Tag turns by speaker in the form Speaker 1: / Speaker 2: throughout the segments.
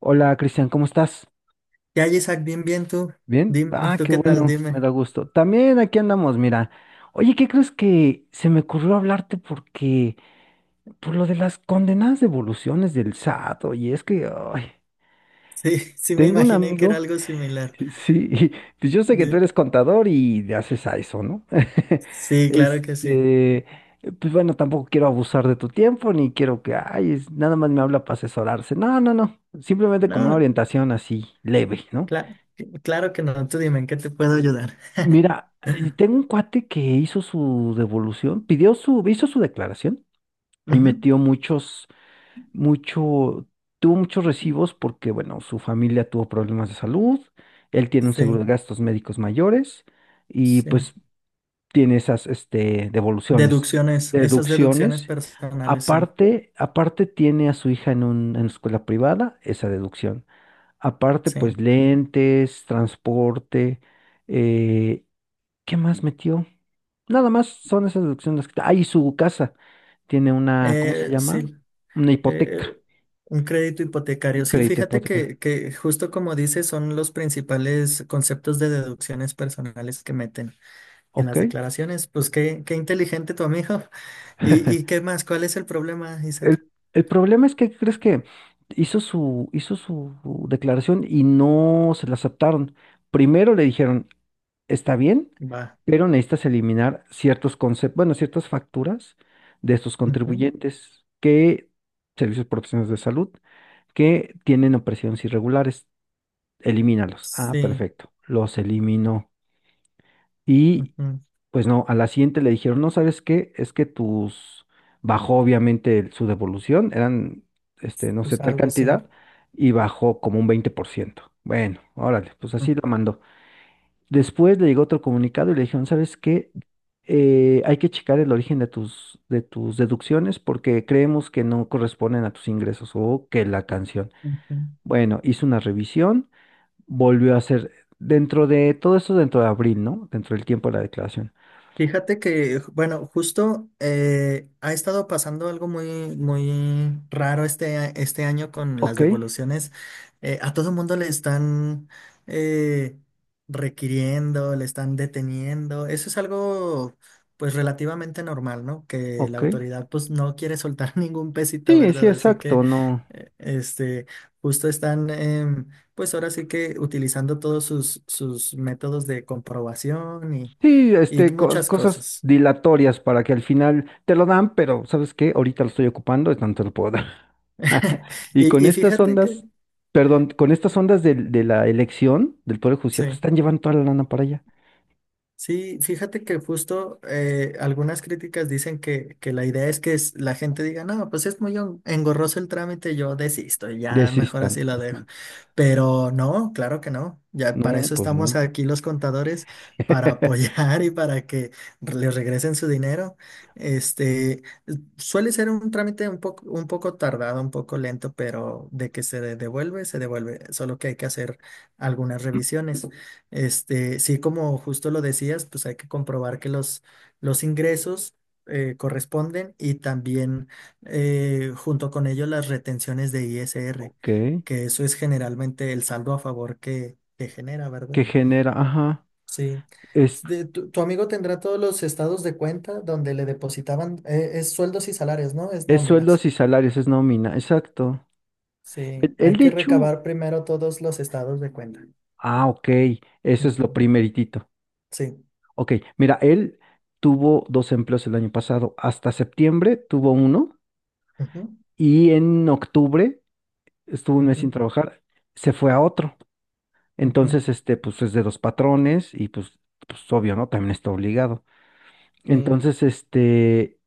Speaker 1: Hola Cristian, ¿cómo estás?
Speaker 2: Ya, Isaac, bien, bien tú.
Speaker 1: ¿Bien?
Speaker 2: Dime,
Speaker 1: Ah,
Speaker 2: ¿tú
Speaker 1: qué
Speaker 2: qué tal?
Speaker 1: bueno, me
Speaker 2: Dime.
Speaker 1: da gusto. También aquí andamos, mira. Oye, ¿qué crees que se me ocurrió hablarte porque por lo de las condenadas devoluciones del SAT? Oye, es que ay,
Speaker 2: Sí, sí me
Speaker 1: tengo un
Speaker 2: imaginé que era
Speaker 1: amigo,
Speaker 2: algo similar.
Speaker 1: sí, y pues yo sé que tú
Speaker 2: De-
Speaker 1: eres contador y le haces a eso, ¿no?
Speaker 2: Sí, claro que sí.
Speaker 1: Este, pues bueno, tampoco quiero abusar de tu tiempo ni quiero que, ay, nada más me habla para asesorarse. No, no, no, simplemente como una
Speaker 2: No,
Speaker 1: orientación así leve, ¿no?
Speaker 2: cla- claro que no. Tú dime, ¿en qué te puedo ayudar?
Speaker 1: Mira, y tengo un cuate que hizo su devolución, hizo su declaración y
Speaker 2: Ujú.
Speaker 1: mucho, tuvo muchos recibos porque, bueno, su familia tuvo problemas de salud, él tiene un seguro de
Speaker 2: Sí,
Speaker 1: gastos médicos mayores y
Speaker 2: sí.
Speaker 1: pues tiene esas
Speaker 2: Deducciones, esas deducciones
Speaker 1: deducciones.
Speaker 2: personales, sí,
Speaker 1: Aparte tiene a su hija en en escuela privada, esa deducción. Aparte,
Speaker 2: sí.
Speaker 1: pues lentes, transporte. eh, ¿Qué más metió? Nada más son esas deducciones. Ah, y su casa tiene una, ¿cómo se llama?
Speaker 2: Sí,
Speaker 1: Una
Speaker 2: eh,
Speaker 1: hipoteca,
Speaker 2: un crédito hipotecario.
Speaker 1: un
Speaker 2: Sí,
Speaker 1: crédito
Speaker 2: fíjate
Speaker 1: hipotecario.
Speaker 2: que justo como dices, son los principales conceptos de deducciones personales que meten en
Speaker 1: Ok.
Speaker 2: las declaraciones. Pues qué inteligente tu amigo. ¿Y qué más? ¿Cuál es el problema, Isaac?
Speaker 1: El problema es que, ¿qué ¿crees que hizo su declaración y no se la aceptaron? Primero le dijeron, está bien,
Speaker 2: Va.
Speaker 1: pero necesitas eliminar ciertos conceptos, bueno, ciertas facturas de estos
Speaker 2: Ujú.
Speaker 1: contribuyentes que, servicios profesionales de salud, que tienen operaciones irregulares. Elimínalos. Ah,
Speaker 2: Sí.
Speaker 1: perfecto. Los eliminó. Y
Speaker 2: Ujú.
Speaker 1: pues no, a la siguiente le dijeron, no, ¿sabes qué? Es que bajó obviamente su devolución, eran, no sé, tal
Speaker 2: Usaldo, sí.
Speaker 1: cantidad, y bajó como un 20%. Bueno, órale, pues así lo mandó. Después le llegó otro comunicado y le dijeron, ¿sabes qué? Hay que checar el origen de tus deducciones porque creemos que no corresponden a tus ingresos o que la canción.
Speaker 2: Ujú.
Speaker 1: Bueno, hizo una revisión, volvió a ser dentro de todo eso, dentro de abril, ¿no? Dentro del tiempo de la declaración.
Speaker 2: Fíjate que, bueno, justo ha estado pasando algo muy, muy raro este año con las
Speaker 1: Ok,
Speaker 2: devoluciones. A todo mundo le están eh, requiriendo, le están deteniendo. Eso es algo, pues, relativamente normal, ¿no? Que la
Speaker 1: ok.
Speaker 2: autoridad, pues, no quiere soltar ningún pesito,
Speaker 1: Sí, sí,
Speaker 2: ¿verdad? Así que,
Speaker 1: exacto, no.
Speaker 2: eh, este, justo están pues ahora sí que utilizando todos sus métodos de comprobación
Speaker 1: Sí,
Speaker 2: y muchas
Speaker 1: cosas
Speaker 2: cosas.
Speaker 1: dilatorias para que al final te lo dan, pero ¿sabes qué? Ahorita lo estoy ocupando, entonces no te lo puedo dar. Y con
Speaker 2: Y
Speaker 1: estas
Speaker 2: fíjate que,
Speaker 1: ondas, perdón, con estas ondas de la elección del Poder Judicial, pues
Speaker 2: sí,
Speaker 1: están llevando toda la lana para allá.
Speaker 2: sí, fíjate que justo algunas críticas dicen que la idea es que la gente diga, no, pues es muy engorroso el trámite, yo desisto, y ya mejor
Speaker 1: Desistan.
Speaker 2: así lo
Speaker 1: Ajá.
Speaker 2: dejo. Pero no, claro que no, ya para
Speaker 1: No,
Speaker 2: eso
Speaker 1: pues
Speaker 2: estamos
Speaker 1: no.
Speaker 2: aquí los contadores, para apoyar y para que les regresen su dinero. Este, suele ser un trámite un poco tardado, un poco lento, pero de que se devuelve, solo que hay que hacer algunas revisiones. Este, sí, como justo lo decías, pues hay que comprobar que los ingresos corresponden y también junto con ello las retenciones de ISR,
Speaker 1: Ok.
Speaker 2: que eso es generalmente el saldo a favor que genera, ¿verdad?
Speaker 1: Que genera, ajá.
Speaker 2: Sí. Tu amigo tendrá todos los estados de cuenta donde le depositaban, es sueldos y salarios, ¿no? Es
Speaker 1: Es
Speaker 2: nóminas.
Speaker 1: sueldos y salarios, es nómina, exacto.
Speaker 2: Sí,
Speaker 1: El
Speaker 2: hay que
Speaker 1: de Chu,
Speaker 2: recabar primero todos los estados de cuenta.
Speaker 1: ah, ok, eso es lo
Speaker 2: Ujú.
Speaker 1: primeritito.
Speaker 2: Sí.
Speaker 1: Ok, mira, él tuvo dos empleos el año pasado, hasta septiembre tuvo uno
Speaker 2: Ujú,
Speaker 1: y en octubre estuvo un mes sin
Speaker 2: ujú,
Speaker 1: trabajar, se fue a otro.
Speaker 2: ujú.
Speaker 1: Entonces, pues es de dos patrones y pues obvio, ¿no? También está obligado.
Speaker 2: Sí.
Speaker 1: Entonces,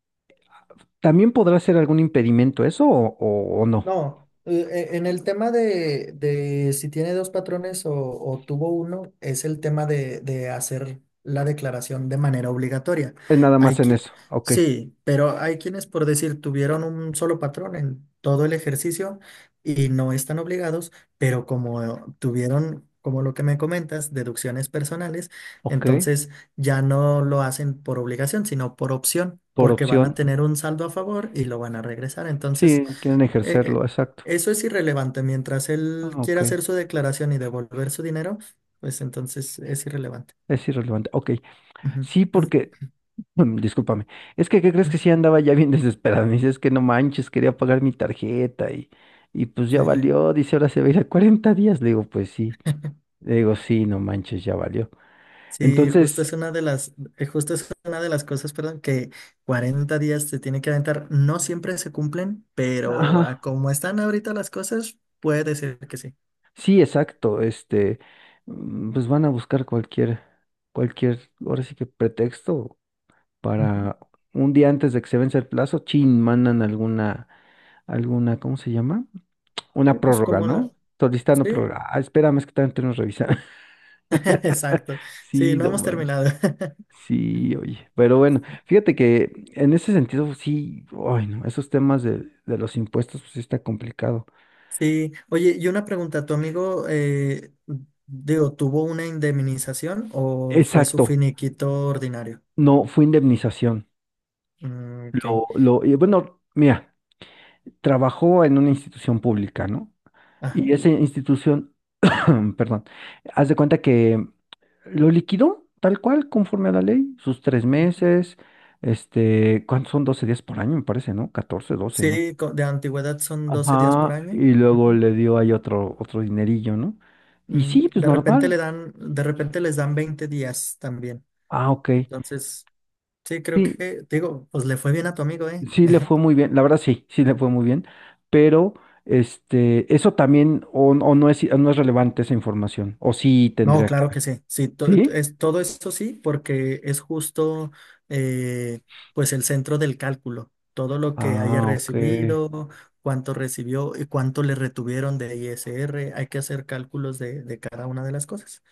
Speaker 1: ¿también podrá ser algún impedimento eso o no?
Speaker 2: No, en el tema de si tiene dos patrones o tuvo uno, es el tema de hacer la declaración de manera obligatoria.
Speaker 1: Es nada
Speaker 2: Hay
Speaker 1: más en
Speaker 2: que,
Speaker 1: eso, ok,
Speaker 2: sí, pero hay quienes, por decir, tuvieron un solo patrón en todo el ejercicio y no están obligados, pero como tuvieron, como lo que me comentas, deducciones personales,
Speaker 1: ok,
Speaker 2: entonces ya no lo hacen por obligación, sino por opción,
Speaker 1: por
Speaker 2: porque van a
Speaker 1: opción.
Speaker 2: tener un saldo a favor y lo van a regresar. Entonces...
Speaker 1: Sí, quieren
Speaker 2: Eh,
Speaker 1: ejercerlo,
Speaker 2: eh,
Speaker 1: exacto.
Speaker 2: eso es irrelevante. Mientras él
Speaker 1: Ah, ok.
Speaker 2: quiera hacer su declaración y devolver su dinero, pues entonces es irrelevante.
Speaker 1: Es irrelevante. Ok.
Speaker 2: Ujú.
Speaker 1: Sí, porque, discúlpame. Es que, ¿qué crees que
Speaker 2: Ujú.
Speaker 1: sí andaba ya bien desesperado? Me dice, es que no manches, quería pagar mi tarjeta y pues
Speaker 2: Sí.
Speaker 1: ya valió. Dice, ahora se va a ir a 40 días. Le digo, pues sí. Le digo, sí, no manches, ya valió.
Speaker 2: Sí, justo
Speaker 1: Entonces,
Speaker 2: es una de justo es una de las cosas, perdón, que 40 días se tiene que aventar. No siempre se cumplen, pero
Speaker 1: ajá,
Speaker 2: a como están ahorita las cosas, puede ser que sí.
Speaker 1: sí, exacto. Pues van a buscar cualquier, ahora sí que pretexto
Speaker 2: Ujú.
Speaker 1: para un día antes de que se vence el plazo, chin, mandan alguna, ¿cómo se llama?
Speaker 2: Sí,
Speaker 1: Una
Speaker 2: pues
Speaker 1: prórroga,
Speaker 2: como la...
Speaker 1: ¿no? Solicitando
Speaker 2: Sí,
Speaker 1: prórroga. Ah, espérame, es que también tenemos que revisar.
Speaker 2: exacto. Sí,
Speaker 1: Sí,
Speaker 2: no
Speaker 1: no
Speaker 2: hemos
Speaker 1: manches.
Speaker 2: terminado.
Speaker 1: Sí, oye. Pero bueno, fíjate que en ese sentido, sí, ay, no, esos temas de los impuestos, pues sí está complicado.
Speaker 2: Sí, oye, y una pregunta, ¿tu amigo, digo, tuvo una indemnización o fue su
Speaker 1: Exacto,
Speaker 2: finiquito ordinario?
Speaker 1: no, fue indemnización.
Speaker 2: Mm, ok,
Speaker 1: Y bueno, mira, trabajó en una institución pública, ¿no?
Speaker 2: ajá.
Speaker 1: Y esa institución perdón. Haz de cuenta que lo liquidó tal cual, conforme a la ley, sus 3 meses, ¿cuántos son? 12 días por año, me parece, ¿no? 14, 12, ¿no?
Speaker 2: Sí, de antigüedad son 12 días por
Speaker 1: Ajá,
Speaker 2: año.
Speaker 1: y luego
Speaker 2: Ujú.
Speaker 1: le dio ahí otro dinerillo, ¿no? Y
Speaker 2: Mm.
Speaker 1: sí, pues
Speaker 2: De repente
Speaker 1: normal.
Speaker 2: le dan, de repente les dan 20 días también.
Speaker 1: Ah, ok.
Speaker 2: Entonces, sí, creo
Speaker 1: Sí,
Speaker 2: que, digo, pues le fue bien a tu amigo, ¿eh?
Speaker 1: sí le fue muy bien, la verdad sí le fue muy bien, pero eso también, o no es relevante esa información, o sí
Speaker 2: No,
Speaker 1: tendría que
Speaker 2: claro que
Speaker 1: ver.
Speaker 2: sí. Sí,
Speaker 1: ¿Sí?
Speaker 2: todo eso sí, porque es justo eh, pues el centro del cálculo. Todo lo que haya
Speaker 1: Ah, ok.
Speaker 2: recibido, cuánto recibió y cuánto le retuvieron de ISR, hay que hacer cálculos de cada una de las cosas.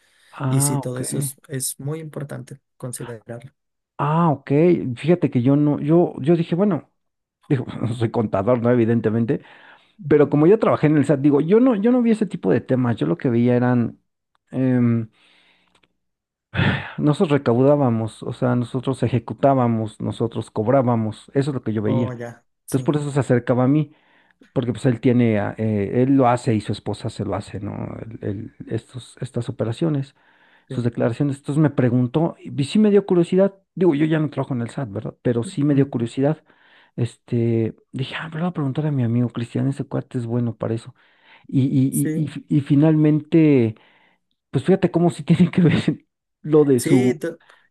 Speaker 2: Y sí,
Speaker 1: Ah,
Speaker 2: todo
Speaker 1: ok.
Speaker 2: eso es muy importante considerarlo.
Speaker 1: Ah, ok. Fíjate que yo no, yo dije, bueno, digo, no soy contador, ¿no? Evidentemente, pero
Speaker 2: Ujú.
Speaker 1: como yo trabajé en el SAT, digo, yo no vi ese tipo de temas. Yo lo que veía eran, em, nosotros recaudábamos, o sea, nosotros ejecutábamos, nosotros cobrábamos. Eso es lo que yo veía.
Speaker 2: Oh, ya,
Speaker 1: Entonces,
Speaker 2: sí,
Speaker 1: por eso se acercaba a mí porque pues él tiene, él lo hace y su esposa se lo hace, ¿no? Estas operaciones, sus
Speaker 2: sí.
Speaker 1: declaraciones. Entonces me preguntó, y sí me dio curiosidad, digo, yo ya no trabajo en el SAT, ¿verdad? Pero sí me dio
Speaker 2: Ujú.
Speaker 1: curiosidad. Dije, ah, me lo voy a preguntar a mi amigo Cristian, ese cuate es bueno para eso. Y, y, y, y,
Speaker 2: Sí,
Speaker 1: fi- y finalmente, pues fíjate cómo sí tiene que ver lo de su,
Speaker 2: sí.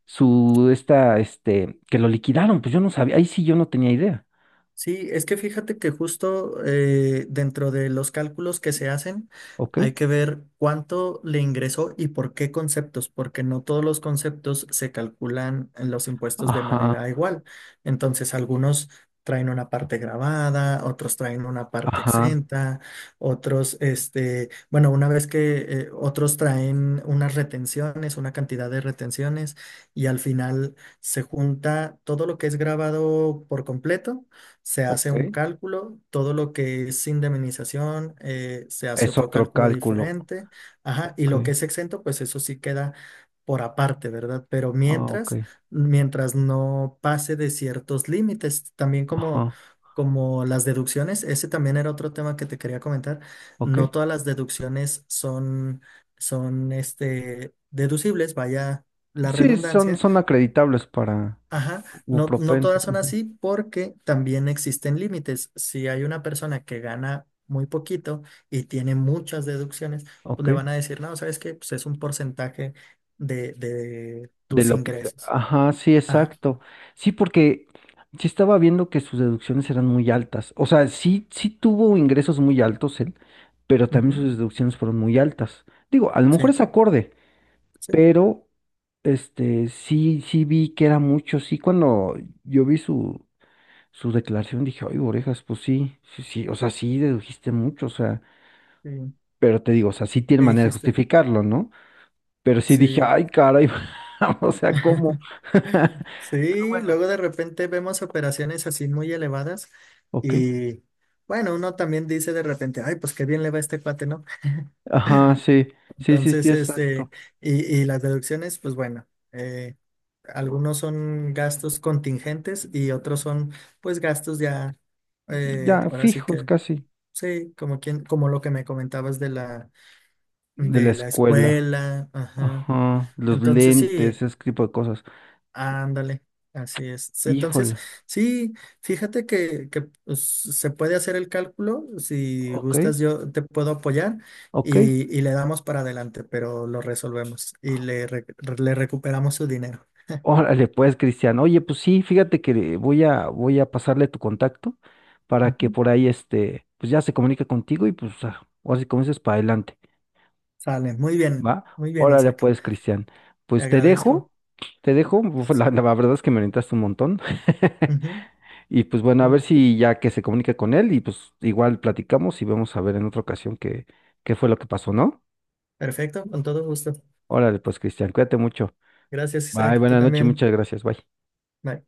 Speaker 1: su, esta, este, que lo liquidaron, pues yo no sabía, ahí sí yo no tenía idea,
Speaker 2: Sí, es que fíjate que justo dentro de los cálculos que se hacen
Speaker 1: ¿ok?
Speaker 2: hay que ver cuánto le ingresó y por qué conceptos, porque no todos los conceptos se calculan en los impuestos de
Speaker 1: Ajá,
Speaker 2: manera igual. Entonces, algunos traen una parte grabada, otros traen una parte
Speaker 1: ajá,
Speaker 2: exenta, otros, este, bueno, una vez que otros traen unas retenciones, una cantidad de retenciones y al final se junta todo lo que es grabado por completo se hace
Speaker 1: ok.
Speaker 2: un cálculo, todo lo que es indemnización, se hace
Speaker 1: Es
Speaker 2: otro
Speaker 1: otro
Speaker 2: cálculo
Speaker 1: cálculo.
Speaker 2: diferente, ajá, y lo que
Speaker 1: Ok.
Speaker 2: es exento, pues eso sí queda por aparte, ¿verdad? Pero
Speaker 1: Ah, ok.
Speaker 2: mientras no pase de ciertos límites, también como,
Speaker 1: Ajá.
Speaker 2: como las deducciones, ese también era otro tema que te quería comentar,
Speaker 1: Ok.
Speaker 2: no todas las deducciones son, son deducibles, vaya la
Speaker 1: Sí, son,
Speaker 2: redundancia.
Speaker 1: son acreditables para
Speaker 2: Ajá,
Speaker 1: u
Speaker 2: no, no
Speaker 1: propensos.
Speaker 2: todas son
Speaker 1: Ujú,
Speaker 2: así porque también existen límites. Si hay una persona que gana muy poquito y tiene muchas deducciones, pues
Speaker 1: ok.
Speaker 2: le van a decir, no, ¿sabes que? Pues es un porcentaje de
Speaker 1: De
Speaker 2: tus
Speaker 1: lo que.
Speaker 2: ingresos.
Speaker 1: Ajá, sí,
Speaker 2: Ajá.
Speaker 1: exacto. Sí, porque sí estaba viendo que sus deducciones eran muy altas. O sea, sí, sí tuvo ingresos muy altos él, pero también
Speaker 2: Ujú.
Speaker 1: sus deducciones fueron muy altas. Digo, a lo
Speaker 2: Sí,
Speaker 1: mejor es acorde,
Speaker 2: sí,
Speaker 1: pero sí, sí vi que era mucho. Sí, cuando yo vi su declaración dije, ay, orejas, pues sí, sí, sí, o sea, sí dedujiste mucho, o sea,
Speaker 2: sí.
Speaker 1: pero te digo, o sea, sí tiene
Speaker 2: ¿Qué
Speaker 1: manera de
Speaker 2: dijiste?
Speaker 1: justificarlo, ¿no? Pero sí dije,
Speaker 2: Sí.
Speaker 1: ay, caray, o sea, ¿cómo? Pero
Speaker 2: Sí,
Speaker 1: bueno,
Speaker 2: luego de repente vemos operaciones así muy elevadas
Speaker 1: ok.
Speaker 2: y bueno, uno también dice de repente, ay, pues qué bien le va a este cuate, ¿no?
Speaker 1: Ajá, sí, sí, sí, sí,
Speaker 2: Entonces,
Speaker 1: exacto.
Speaker 2: y las deducciones, pues bueno, algunos son gastos contingentes y otros son pues gastos ya,
Speaker 1: Ya,
Speaker 2: ahora sí
Speaker 1: fijos
Speaker 2: que,
Speaker 1: casi,
Speaker 2: sí, como quien, como lo que me comentabas de la,
Speaker 1: de la
Speaker 2: de la
Speaker 1: escuela.
Speaker 2: escuela, ajá.
Speaker 1: Ajá, los
Speaker 2: Entonces
Speaker 1: lentes,
Speaker 2: sí,
Speaker 1: ese tipo de cosas.
Speaker 2: ándale, así es. Entonces,
Speaker 1: Híjole,
Speaker 2: sí, fíjate que, pues, se puede hacer el cálculo. Si
Speaker 1: ok,
Speaker 2: gustas, yo te puedo apoyar
Speaker 1: ok.
Speaker 2: y le damos para adelante, pero lo resolvemos y le recuperamos su dinero.
Speaker 1: Órale, pues, Cristian. Oye, pues sí, fíjate que voy a pasarle tu contacto para que
Speaker 2: Ujú.
Speaker 1: por ahí pues ya se comunique contigo y pues ah, ahora sí como dices, para adelante,
Speaker 2: Sale,
Speaker 1: ¿va?
Speaker 2: muy bien,
Speaker 1: Órale,
Speaker 2: Isaac.
Speaker 1: pues, Cristian.
Speaker 2: Te
Speaker 1: Pues te
Speaker 2: agradezco.
Speaker 1: dejo, te dejo. Uf, La,
Speaker 2: Sí.
Speaker 1: la verdad es que me orientaste un montón.
Speaker 2: Ujú,
Speaker 1: Y pues bueno, a ver
Speaker 2: sí.
Speaker 1: si ya que se comunique con él y pues igual platicamos y vemos a ver en otra ocasión qué, fue lo que pasó, ¿no?
Speaker 2: Perfecto, con todo gusto.
Speaker 1: Órale, pues, Cristian, cuídate mucho.
Speaker 2: Gracias,
Speaker 1: Bye,
Speaker 2: Isaac. Tú
Speaker 1: buenas noches,
Speaker 2: también.
Speaker 1: muchas gracias, bye.
Speaker 2: Bye.